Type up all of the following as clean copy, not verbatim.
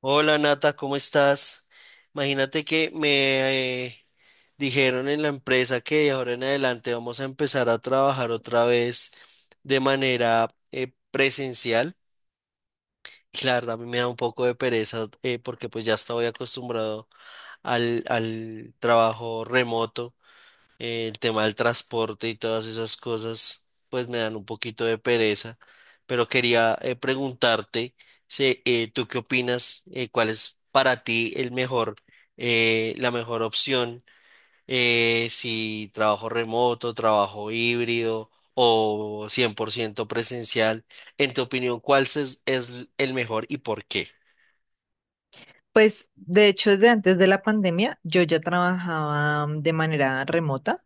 Hola Nata, ¿cómo estás? Imagínate que me dijeron en la empresa que de ahora en adelante vamos a empezar a trabajar otra vez de manera presencial. Y la verdad a mí me da un poco de pereza, porque pues ya estoy acostumbrado al trabajo remoto, el tema del transporte y todas esas cosas, pues me dan un poquito de pereza, pero quería preguntarte, si, ¿tú qué opinas? ¿Cuál es para ti el mejor, la mejor opción? Si trabajo remoto, trabajo híbrido o 100% presencial, en tu opinión, ¿cuál es el mejor y por qué? Pues de hecho, desde antes de la pandemia, yo ya trabajaba de manera remota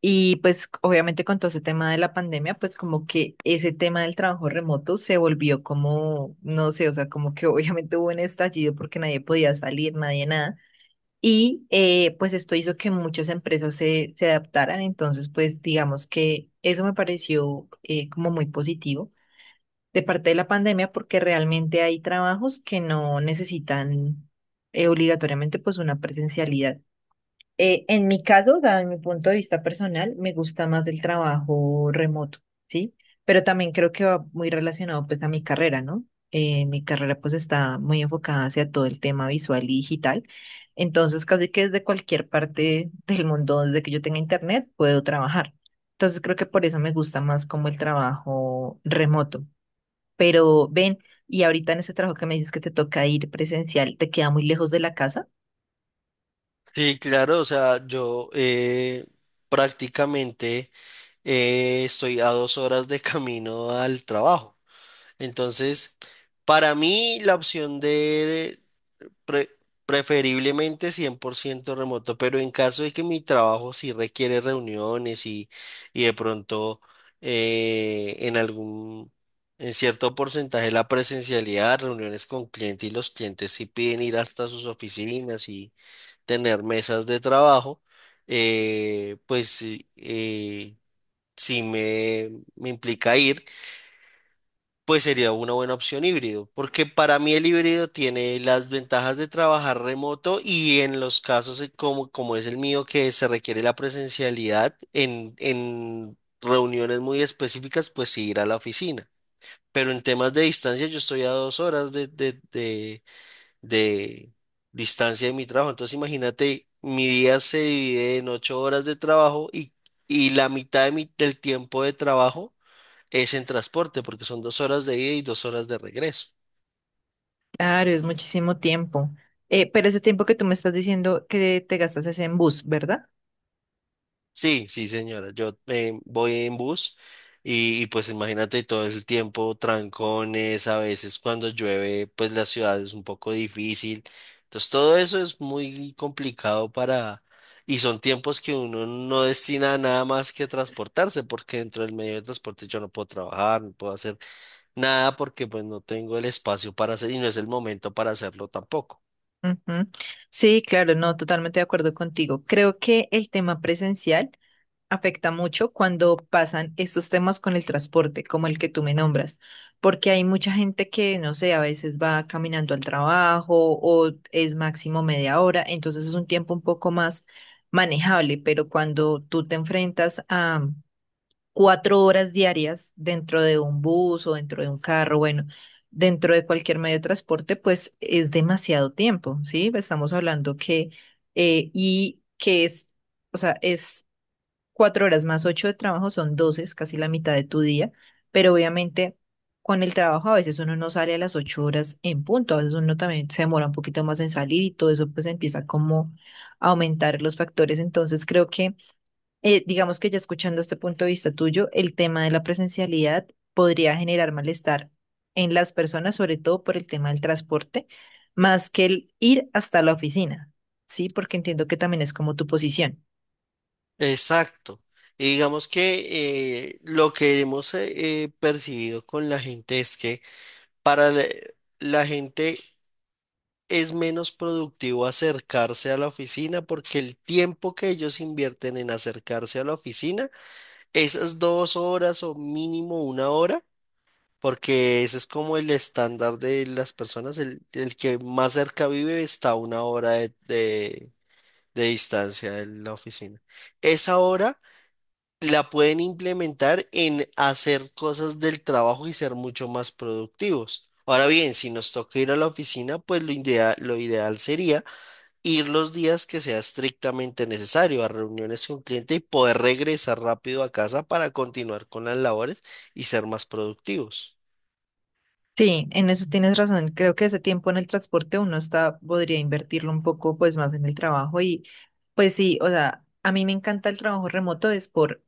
y pues obviamente con todo ese tema de la pandemia, pues como que ese tema del trabajo remoto se volvió como, no sé, o sea, como que obviamente hubo un estallido porque nadie podía salir, nadie nada. Y pues esto hizo que muchas empresas se adaptaran, entonces pues digamos que eso me pareció como muy positivo de parte de la pandemia porque realmente hay trabajos que no necesitan obligatoriamente pues una presencialidad. En mi caso, o sea, en mi punto de vista personal, me gusta más el trabajo remoto, ¿sí? Pero también creo que va muy relacionado pues a mi carrera, ¿no? Mi carrera pues está muy enfocada hacia todo el tema visual y digital. Entonces, casi que desde cualquier parte del mundo, desde que yo tenga internet, puedo trabajar. Entonces, creo que por eso me gusta más como el trabajo remoto. Pero ven, y ahorita en ese trabajo que me dices que te toca ir presencial, ¿te queda muy lejos de la casa? Sí, claro, o sea, yo prácticamente. Estoy a 2 horas de camino al trabajo. Entonces, para mí la opción de pre- preferiblemente 100% remoto, pero en caso de que mi trabajo sí requiere reuniones y de pronto en algún, en cierto porcentaje la presencialidad, reuniones con clientes y los clientes sí piden ir hasta sus oficinas y tener mesas de trabajo. Pues, eh, si me implica ir, pues sería una buena opción híbrido, porque para mí el híbrido tiene las ventajas de trabajar remoto y en los casos, como es el mío, que se requiere la presencialidad en reuniones muy específicas, pues sí ir a la oficina. Pero en temas de distancia yo estoy a 2 horas de distancia de mi trabajo, entonces imagínate, mi día se divide en 8 horas de trabajo y la mitad de del tiempo de trabajo es en transporte porque son 2 horas de ida y 2 horas de regreso. Claro, es muchísimo tiempo. Pero ese tiempo que tú me estás diciendo que te gastas es en bus, ¿verdad? Sí, sí, señora. Yo voy en bus y, pues imagínate todo el tiempo, trancones, a veces cuando llueve, pues la ciudad es un poco difícil. Entonces todo eso es muy complicado para. Y son tiempos que uno no destina a nada más que transportarse, porque dentro del medio de transporte yo no puedo trabajar, no puedo hacer nada porque pues no tengo el espacio para hacer y no es el momento para hacerlo tampoco. Ujú. Sí, claro, no, totalmente de acuerdo contigo. Creo que el tema presencial afecta mucho cuando pasan estos temas con el transporte, como el que tú me nombras, porque hay mucha gente que, no sé, a veces va caminando al trabajo o es máximo media hora, entonces es un tiempo un poco más manejable, pero cuando tú te enfrentas a 4 horas diarias dentro de un bus o dentro de un carro, bueno, dentro de cualquier medio de transporte, pues es demasiado tiempo, ¿sí? Estamos hablando que, y que es... O sea, es 4 horas más 8 de trabajo son 12, es casi la mitad de tu día, pero obviamente con el trabajo a veces uno no sale a las 8 horas en punto, a veces uno también se demora un poquito más en salir y todo eso pues empieza como a aumentar los factores. Entonces creo que, digamos que ya escuchando este punto de vista tuyo, el tema de la presencialidad podría generar malestar en las personas, sobre todo por el tema del transporte, más que el ir hasta la oficina, ¿sí? Porque entiendo que también es como tu posición. Exacto. Y digamos que lo que hemos percibido con la gente es que para la gente es menos productivo acercarse a la oficina porque el tiempo que ellos invierten en acercarse a la oficina, esas 2 horas o mínimo 1 hora, porque ese es como el estándar de las personas, el que más cerca vive está a 1 hora de distancia de la oficina. Esa hora la pueden implementar en hacer cosas del trabajo y ser mucho más productivos. Ahora bien, si nos toca ir a la oficina, pues lo ideal sería ir los días que sea estrictamente necesario a reuniones con cliente y poder regresar rápido a casa para continuar con las labores y ser más productivos. Sí, en eso tienes razón. Creo que ese tiempo en el transporte podría invertirlo un poco pues más en el trabajo y pues sí, o sea, a mí me encanta el trabajo remoto es por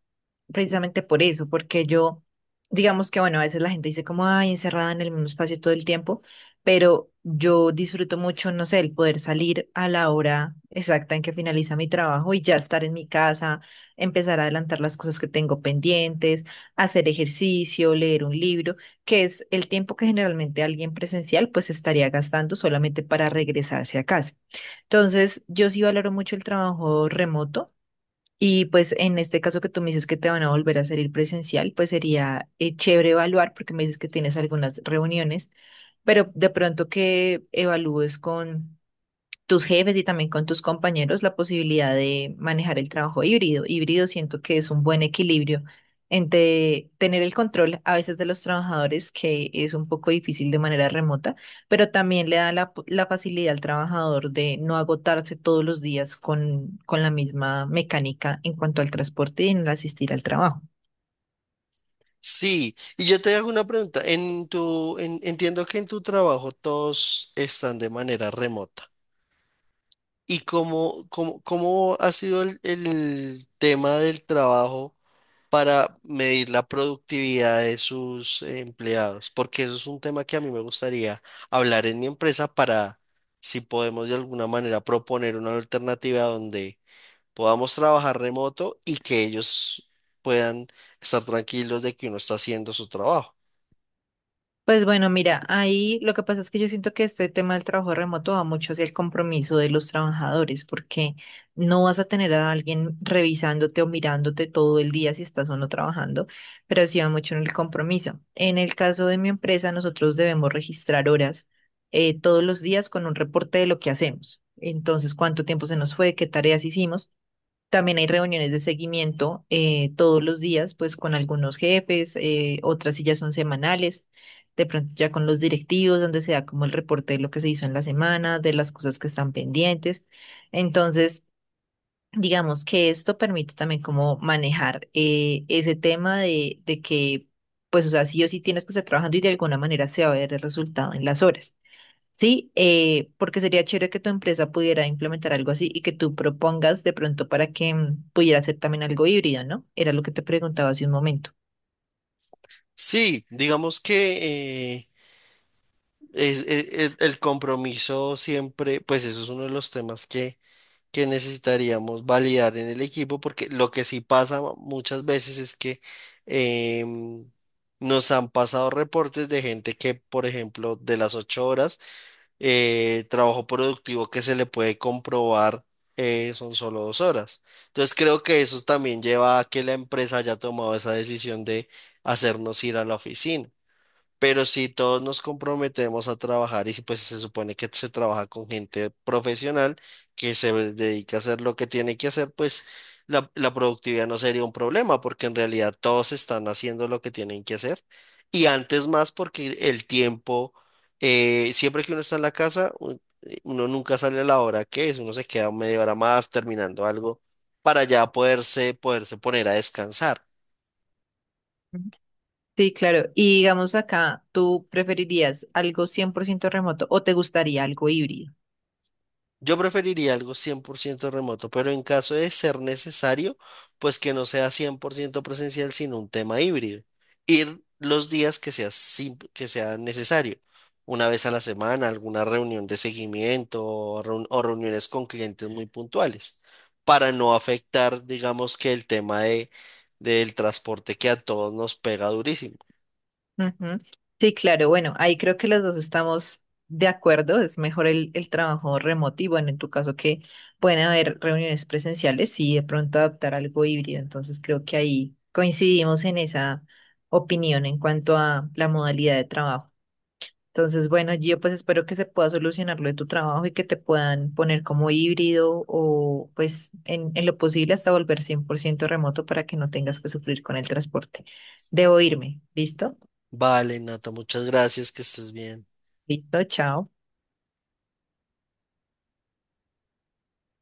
precisamente por eso, porque yo digamos que bueno, a veces la gente dice como ay, encerrada en el mismo espacio todo el tiempo, pero yo disfruto mucho, no sé, el poder salir a la hora exacta en que finaliza mi trabajo y ya estar en mi casa, empezar a adelantar las cosas que tengo pendientes, hacer ejercicio, leer un libro que es el tiempo que generalmente alguien presencial pues estaría gastando solamente para regresarse a casa. Entonces, yo sí valoro mucho el trabajo remoto y pues en este caso que tú me dices que te van a volver a hacer ir presencial, pues sería chévere evaluar porque me dices que tienes algunas reuniones, pero de pronto que evalúes con tus jefes y también con tus compañeros la posibilidad de manejar el trabajo híbrido. Híbrido siento que es un buen equilibrio entre tener el control a veces de los trabajadores, que es un poco difícil de manera remota, pero también le da la facilidad al trabajador de no agotarse todos los días con la misma mecánica en cuanto al transporte y en el asistir al trabajo. Sí, y yo te hago una pregunta. Entiendo que en tu trabajo todos están de manera remota. ¿Y cómo ha sido el tema del trabajo para medir la productividad de sus empleados? Porque eso es un tema que a mí me gustaría hablar en mi empresa para si podemos de alguna manera proponer una alternativa donde podamos trabajar remoto y que ellos puedan estar tranquilos de que uno está haciendo su trabajo. Pues bueno, mira, ahí lo que pasa es que yo siento que este tema del trabajo remoto va mucho hacia el compromiso de los trabajadores, porque no vas a tener a alguien revisándote o mirándote todo el día si estás o no trabajando, pero sí va mucho en el compromiso. En el caso de mi empresa, nosotros debemos registrar horas todos los días con un reporte de lo que hacemos. Entonces, cuánto tiempo se nos fue, qué tareas hicimos. También hay reuniones de seguimiento todos los días, pues con algunos jefes, otras sí ya son semanales, de pronto ya con los directivos, donde se da como el reporte de lo que se hizo en la semana, de las cosas que están pendientes. Entonces, digamos que esto permite también como manejar ese tema de que, pues, o sea, sí o sí tienes que estar trabajando y de alguna manera se va a ver el resultado en las horas. Sí, porque sería chévere que tu empresa pudiera implementar algo así y que tú propongas de pronto para que pudiera ser también algo híbrido, ¿no? Era lo que te preguntaba hace un momento. Sí, digamos que el compromiso siempre, pues eso es uno de los temas que necesitaríamos validar en el equipo, porque lo que sí pasa muchas veces es que em, nos han pasado reportes de gente que, por ejemplo, de las 8 horas, trabajo productivo que se le puede comprobar son solo 2 horas. Entonces creo que eso también lleva a que la empresa haya tomado esa decisión de hacernos ir a la oficina. Pero si todos nos comprometemos a trabajar y si, pues se supone que se trabaja con gente profesional que se dedica a hacer lo que tiene que hacer, pues la productividad no sería un problema porque en realidad todos están haciendo lo que tienen que hacer. Y antes más porque el tiempo, siempre que uno está en la casa, uno nunca sale a la hora que es, uno se queda media hora más terminando algo para ya poderse poner a descansar. Ujú. Sí, claro. Y digamos acá, ¿tú preferirías algo 100% remoto o te gustaría algo híbrido? Yo preferiría algo 100% remoto, pero en caso de ser necesario, pues que no sea 100% presencial, sino un tema híbrido. Ir los días que sea, que sea necesario, una vez a la semana, alguna reunión de seguimiento o reuniones con clientes muy puntuales, para no afectar, digamos, que el tema del transporte que a todos nos pega durísimo. Ujú. Sí, claro, bueno, ahí creo que los dos estamos de acuerdo, es mejor el trabajo remoto y bueno, en tu caso que pueden haber reuniones presenciales y de pronto adaptar algo híbrido, entonces creo que ahí coincidimos en esa opinión en cuanto a la modalidad de trabajo. Entonces, bueno, yo pues espero que se pueda solucionar lo de tu trabajo y que te puedan poner como híbrido o pues en lo posible hasta volver 100% remoto para que no tengas que sufrir con el transporte. Debo irme, ¿listo? Vale, Nata, muchas gracias, que estés bien. Listo, chao.